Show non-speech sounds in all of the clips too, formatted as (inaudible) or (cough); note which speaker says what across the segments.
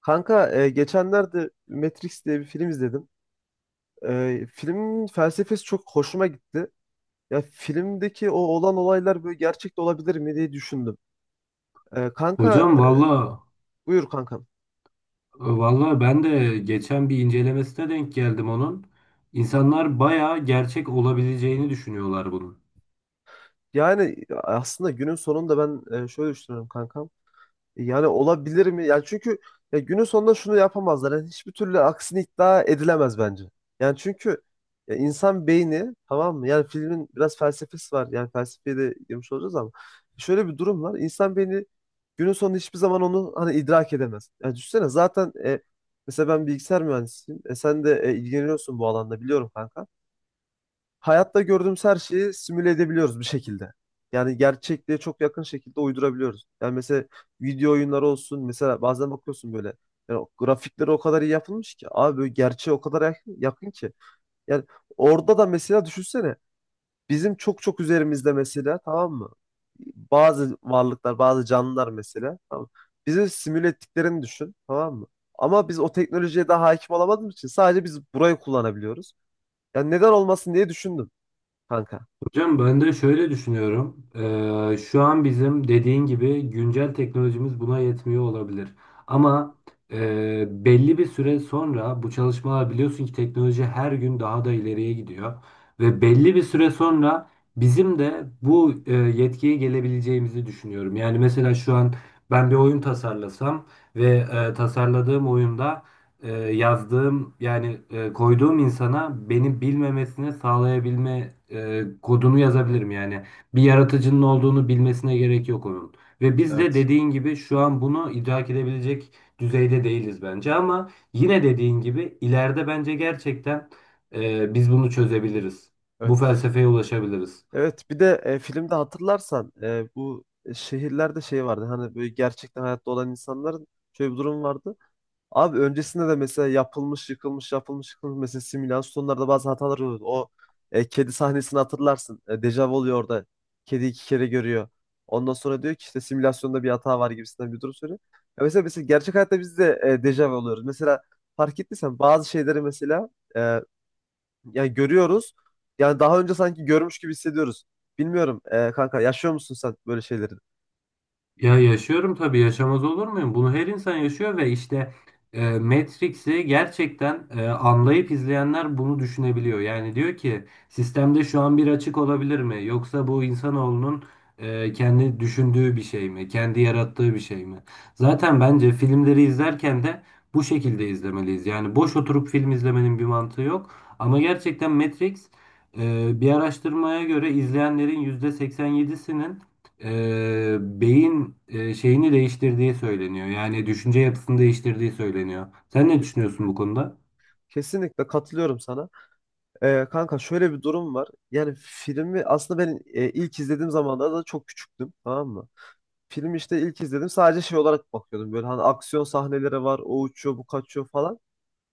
Speaker 1: Kanka geçenlerde Matrix diye bir film izledim. Filmin felsefesi çok hoşuma gitti. Ya filmdeki o olan olaylar böyle gerçekte olabilir mi diye düşündüm. E, kanka
Speaker 2: Hocam valla
Speaker 1: Buyur kankam.
Speaker 2: valla ben de geçen bir incelemesine denk geldim onun. İnsanlar bayağı gerçek olabileceğini düşünüyorlar bunun.
Speaker 1: Yani aslında günün sonunda ben şöyle düşünüyorum kankam. Yani olabilir mi? Yani çünkü ya günün sonunda şunu yapamazlar. Yani hiçbir türlü aksini iddia edilemez bence. Yani çünkü ya insan beyni tamam mı? Yani filmin biraz felsefesi var. Yani felsefeye de girmiş olacağız ama şöyle bir durum var. İnsan beyni günün sonunda hiçbir zaman onu hani idrak edemez. Yani düşünsene zaten mesela ben bilgisayar mühendisiyim. Sen de ilgileniyorsun bu alanda biliyorum kanka, hayatta gördüğümüz her şeyi simüle edebiliyoruz bir şekilde. Yani gerçekliğe çok yakın şekilde uydurabiliyoruz. Yani mesela video oyunları olsun, mesela bazen bakıyorsun böyle, yani o grafikleri o kadar iyi yapılmış ki abi böyle gerçeğe o kadar yakın, yakın ki. Yani orada da mesela düşünsene, bizim çok çok üzerimizde mesela tamam mı? Bazı varlıklar, bazı canlılar mesela tamam mı? Bizi simüle ettiklerini düşün tamam mı? Ama biz o teknolojiye daha hakim olamadığımız için sadece biz burayı kullanabiliyoruz. Yani neden olmasın diye düşündüm kanka.
Speaker 2: Hocam ben de şöyle düşünüyorum. Şu an bizim dediğin gibi güncel teknolojimiz buna yetmiyor olabilir. Ama belli bir süre sonra bu çalışmalar biliyorsun ki teknoloji her gün daha da ileriye gidiyor. Ve belli bir süre sonra bizim de bu yetkiye gelebileceğimizi düşünüyorum. Yani mesela şu an ben bir oyun tasarlasam ve tasarladığım oyunda yazdığım yani koyduğum insana beni bilmemesini sağlayabilme kodunu yazabilirim yani. Bir yaratıcının olduğunu bilmesine gerek yok onun. Ve biz de
Speaker 1: Evet.
Speaker 2: dediğin gibi şu an bunu idrak edebilecek düzeyde değiliz bence ama yine dediğin gibi ileride bence gerçekten biz bunu çözebiliriz. Bu
Speaker 1: Evet.
Speaker 2: felsefeye ulaşabiliriz.
Speaker 1: Evet, bir de filmde hatırlarsan bu şehirlerde şey vardı. Hani böyle gerçekten hayatta olan insanların şöyle bir durum vardı. Abi öncesinde de mesela yapılmış, yıkılmış, yapılmış, yıkılmış, mesela simülasyonlarda bazı hatalar oluyordu. Kedi sahnesini hatırlarsın. Dejavu oluyor orada. Kedi iki kere görüyor. Ondan sonra diyor ki işte simülasyonda bir hata var gibisinden bir durum söylüyor. Ya mesela, gerçek hayatta biz de dejavu oluyoruz. Mesela fark ettiysen bazı şeyleri mesela yani görüyoruz. Yani daha önce sanki görmüş gibi hissediyoruz. Bilmiyorum kanka, yaşıyor musun sen böyle şeyleri?
Speaker 2: Ya yaşıyorum tabii, yaşamaz olur muyum? Bunu her insan yaşıyor ve işte Matrix'i gerçekten anlayıp izleyenler bunu düşünebiliyor. Yani diyor ki sistemde şu an bir açık olabilir mi? Yoksa bu insanoğlunun kendi düşündüğü bir şey mi? Kendi yarattığı bir şey mi? Zaten bence filmleri izlerken de bu şekilde izlemeliyiz. Yani boş oturup film izlemenin bir mantığı yok. Ama gerçekten Matrix bir araştırmaya göre izleyenlerin %87'sinin beyin şeyini değiştirdiği söyleniyor. Yani düşünce yapısını değiştirdiği söyleniyor. Sen ne düşünüyorsun
Speaker 1: Kesinlikle.
Speaker 2: bu konuda?
Speaker 1: Kesinlikle katılıyorum sana. Kanka şöyle bir durum var. Yani filmi aslında ben ilk izlediğim zamanlarda da çok küçüktüm tamam mı? Filmi işte ilk izledim, sadece şey olarak bakıyordum. Böyle hani aksiyon sahneleri var, o uçuyor bu kaçıyor falan.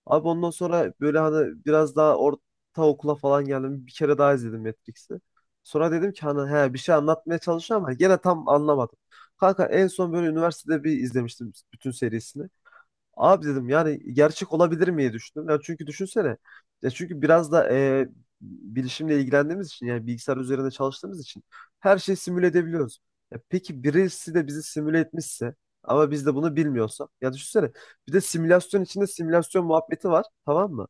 Speaker 1: Abi ondan sonra böyle hani biraz daha orta okula falan geldim. Bir kere daha izledim Matrix'i. Sonra dedim ki hani he bir şey anlatmaya çalışıyor ama gene tam anlamadım. Kanka en son böyle üniversitede bir izlemiştim bütün serisini. Abi dedim yani gerçek olabilir miye düşündüm. Ya çünkü düşünsene. Ya çünkü biraz da bilişimle ilgilendiğimiz için, yani bilgisayar üzerinde çalıştığımız için her şeyi simüle edebiliyoruz. Ya peki birisi de bizi simüle etmişse ama biz de bunu bilmiyorsak. Ya düşünsene, bir de simülasyon içinde simülasyon muhabbeti var tamam mı?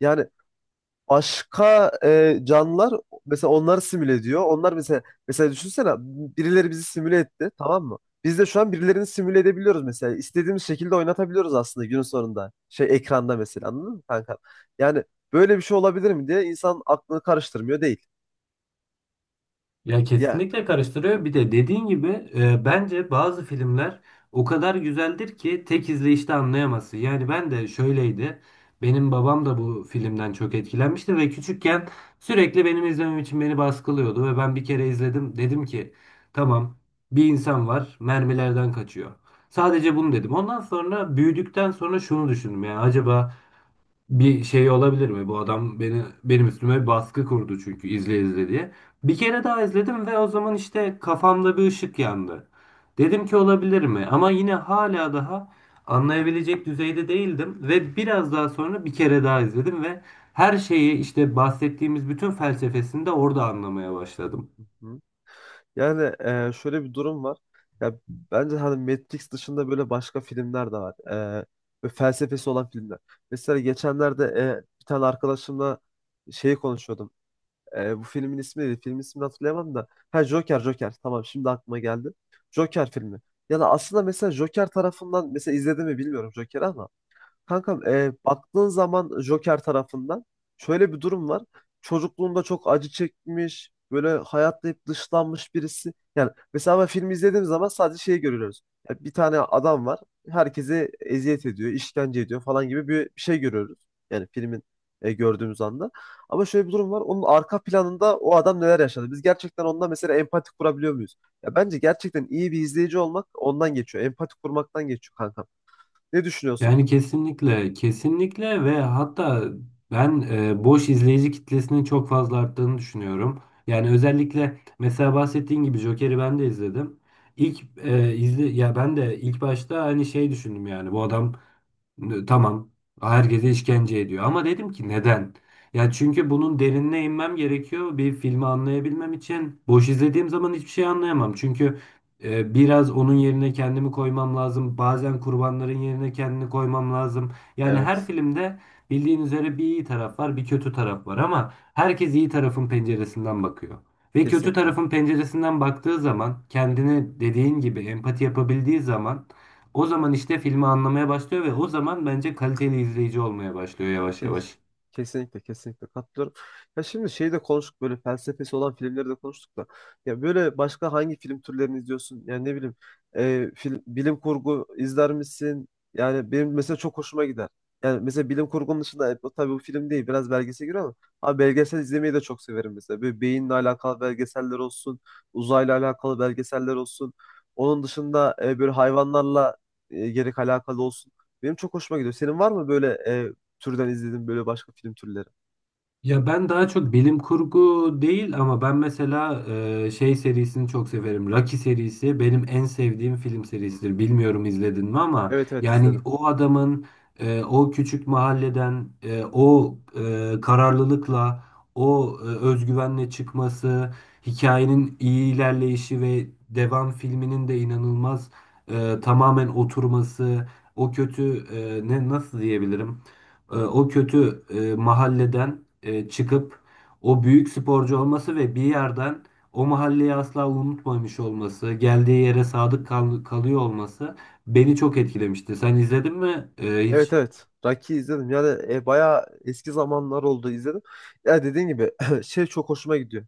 Speaker 1: Yani başka canlılar mesela onları simüle ediyor. Onlar mesela, düşünsene birileri bizi simüle etti tamam mı? Biz de şu an birilerini simüle edebiliyoruz mesela. İstediğimiz şekilde oynatabiliyoruz aslında günün sonunda. Şey ekranda mesela, anladın mı kanka? Yani böyle bir şey olabilir mi diye insan aklını karıştırmıyor değil.
Speaker 2: Ya
Speaker 1: Ya
Speaker 2: kesinlikle karıştırıyor. Bir de dediğin gibi bence bazı filmler o kadar güzeldir ki tek izleyişte anlayamazsın. Yani ben de şöyleydi. Benim babam da bu filmden çok etkilenmişti ve küçükken sürekli benim izlemem için beni baskılıyordu ve ben bir kere izledim. Dedim ki tamam, bir insan var, mermilerden kaçıyor. Sadece bunu dedim. Ondan sonra büyüdükten sonra şunu düşündüm, yani acaba bir şey olabilir mi? Bu adam beni, benim üstüme bir baskı kurdu çünkü izle izle diye. Bir kere daha izledim ve o zaman işte kafamda bir ışık yandı. Dedim ki olabilir mi? Ama yine hala daha anlayabilecek düzeyde değildim ve biraz daha sonra bir kere daha izledim ve her şeyi işte bahsettiğimiz bütün felsefesini de orada anlamaya başladım.
Speaker 1: Hı. Yani şöyle bir durum var. Ya bence hani Matrix dışında böyle başka filmler de var. E, Ve felsefesi olan filmler. Mesela geçenlerde bir tane arkadaşımla şeyi konuşuyordum. Bu filmin ismi neydi? Filmin ismini hatırlayamam da. Ha Joker, Joker. Tamam, şimdi aklıma geldi. Joker filmi. Yani aslında mesela Joker tarafından, mesela izledim mi bilmiyorum Joker'i ama kankam baktığın zaman Joker tarafından şöyle bir durum var. Çocukluğunda çok acı çekmiş, böyle hayatta hep dışlanmış birisi. Yani mesela ben filmi izlediğim zaman sadece şeyi görüyoruz. Ya bir tane adam var, herkese eziyet ediyor, işkence ediyor falan gibi bir şey görüyoruz. Yani filmin gördüğümüz anda. Ama şöyle bir durum var. Onun arka planında o adam neler yaşadı? Biz gerçekten ondan mesela empati kurabiliyor muyuz? Ya bence gerçekten iyi bir izleyici olmak ondan geçiyor. Empati kurmaktan geçiyor kankam. Ne düşünüyorsun?
Speaker 2: Yani kesinlikle, kesinlikle ve hatta ben boş izleyici kitlesinin çok fazla arttığını düşünüyorum. Yani özellikle mesela bahsettiğin gibi Joker'i ben de izledim. İlk izle, ya ben de ilk başta hani şey düşündüm, yani bu adam tamam. Herkese işkence ediyor. Ama dedim ki neden? Ya çünkü bunun derinine inmem gerekiyor. Bir filmi anlayabilmem için. Boş izlediğim zaman hiçbir şey anlayamam. Çünkü biraz onun yerine kendimi koymam lazım. Bazen kurbanların yerine kendini koymam lazım. Yani her
Speaker 1: Evet.
Speaker 2: filmde bildiğin üzere bir iyi taraf var, bir kötü taraf var ama herkes iyi tarafın penceresinden bakıyor. Ve kötü
Speaker 1: Kesinlikle.
Speaker 2: tarafın penceresinden baktığı zaman kendine dediğin gibi empati yapabildiği zaman o zaman işte filmi anlamaya başlıyor ve o zaman bence kaliteli izleyici olmaya başlıyor yavaş
Speaker 1: Kes-
Speaker 2: yavaş.
Speaker 1: Kesinlikle, kesinlikle katılıyorum. Ya şimdi şeyi de konuştuk, böyle felsefesi olan filmleri de konuştuk da. Ya böyle başka hangi film türlerini izliyorsun? Yani ne bileyim, bilim kurgu izler misin? Yani benim mesela çok hoşuma gider. Yani mesela bilim kurgunun dışında, bu tabii bu film değil, biraz belgesel giriyor ama abi belgesel izlemeyi de çok severim mesela. Böyle beyinle alakalı belgeseller olsun, uzayla alakalı belgeseller olsun. Onun dışında böyle hayvanlarla gerek alakalı olsun. Benim çok hoşuma gidiyor. Senin var mı böyle türden izledim böyle başka film türleri.
Speaker 2: Ya ben daha çok bilim kurgu değil ama ben mesela şey serisini çok severim. Rocky serisi benim en sevdiğim film serisidir. Bilmiyorum izledin mi ama
Speaker 1: Evet evet,
Speaker 2: yani
Speaker 1: izledim.
Speaker 2: o adamın o küçük mahalleden, kararlılıkla, özgüvenle çıkması, hikayenin iyi ilerleyişi ve devam filminin de inanılmaz tamamen oturması, o kötü, ne, nasıl diyebilirim? O kötü mahalleden çıkıp o büyük sporcu olması ve bir yerden o mahalleyi asla unutmamış olması, geldiği yere kalıyor olması beni çok etkilemişti. Sen izledin mi? E,
Speaker 1: Evet
Speaker 2: hiç.
Speaker 1: evet. Rocky izledim. Yani bayağı eski zamanlar oldu izledim. Ya dediğin gibi (clears throat) şey çok hoşuma gidiyor.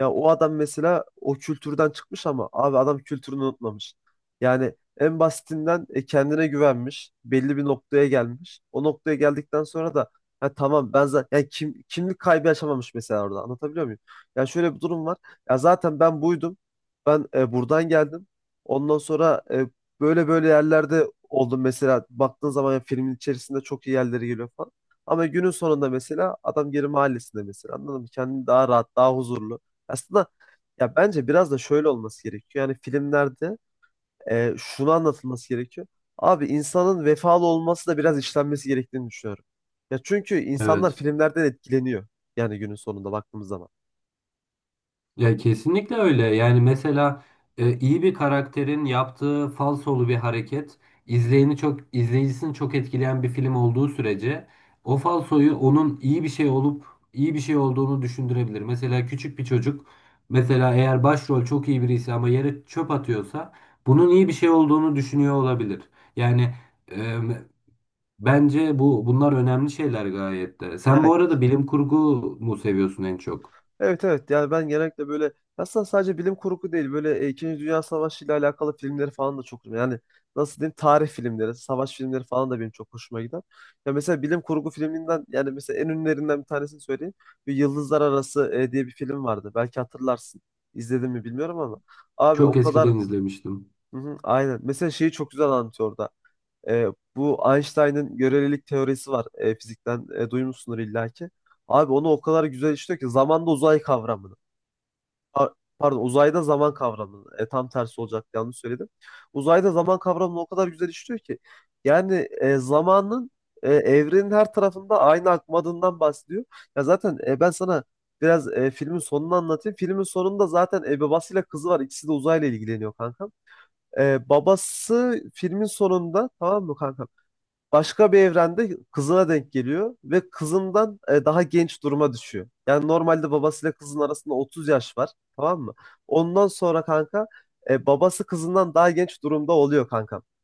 Speaker 1: Ya o adam mesela o kültürden çıkmış ama abi adam kültürünü unutmamış. Yani en basitinden kendine güvenmiş. Belli bir noktaya gelmiş. O noktaya geldikten sonra da ha, tamam, ben zaten yani kimlik kaybı yaşamamış mesela orada. Anlatabiliyor muyum? Ya şöyle bir durum var. Ya zaten ben buydum. Ben buradan geldim. Ondan sonra böyle böyle yerlerde oldum mesela. Baktığın zaman ya filmin içerisinde çok iyi yerlere geliyor falan. Ama günün sonunda mesela adam geri mahallesinde mesela, anladın mı? Kendini daha rahat, daha huzurlu. Aslında ya bence biraz da şöyle olması gerekiyor. Yani filmlerde şunu anlatılması gerekiyor. Abi insanın vefalı olması da biraz işlenmesi gerektiğini düşünüyorum. Ya çünkü insanlar
Speaker 2: Evet.
Speaker 1: filmlerden etkileniyor. Yani günün sonunda baktığımız zaman.
Speaker 2: Ya kesinlikle öyle. Yani mesela iyi bir karakterin yaptığı falsolu bir hareket izleyeni çok izleyicisini çok etkileyen bir film olduğu sürece o falsoyu, onun iyi bir şey olup iyi bir şey olduğunu düşündürebilir. Mesela küçük bir çocuk, mesela eğer başrol çok iyi birisi ama yere çöp atıyorsa bunun iyi bir şey olduğunu düşünüyor olabilir. Yani e, bence bunlar önemli şeyler gayet de. Sen
Speaker 1: Ya
Speaker 2: bu arada bilim kurgu mu seviyorsun en çok?
Speaker 1: evet evet, yani ben genellikle böyle, aslında sadece bilim kurgu değil, böyle İkinci Dünya Savaşı ile alakalı filmleri falan da çok, yani nasıl diyeyim, tarih filmleri, savaş filmleri falan da benim çok hoşuma gider. Ya mesela bilim kurgu filminden yani mesela en ünlülerinden bir tanesini söyleyeyim. Bir Yıldızlar Arası diye bir film vardı. Belki hatırlarsın. İzledin mi bilmiyorum ama abi
Speaker 2: Çok
Speaker 1: o kadar
Speaker 2: eskiden izlemiştim.
Speaker 1: hı hı, aynen. Mesela şeyi çok güzel anlatıyor orada. E, Bu Einstein'ın görelilik teorisi var. Fizikten duymuşsundur illaki. Abi onu o kadar güzel işliyor ki zamanda uzay kavramını. Pa- Pardon, uzayda zaman kavramını. Tam tersi olacak, yanlış söyledim. Uzayda zaman kavramını o kadar güzel işliyor ki. Yani zamanın evrenin her tarafında aynı akmadığından bahsediyor. Ya zaten ben sana biraz filmin sonunu anlatayım. Filmin sonunda zaten babasıyla kızı var. İkisi de uzayla ilgileniyor kanka. Babası filmin sonunda tamam mı kanka? Başka bir evrende kızına denk geliyor ve kızından daha genç duruma düşüyor. Yani normalde babasıyla kızın arasında 30 yaş var, tamam mı? Ondan sonra kanka, babası kızından daha genç durumda oluyor kanka.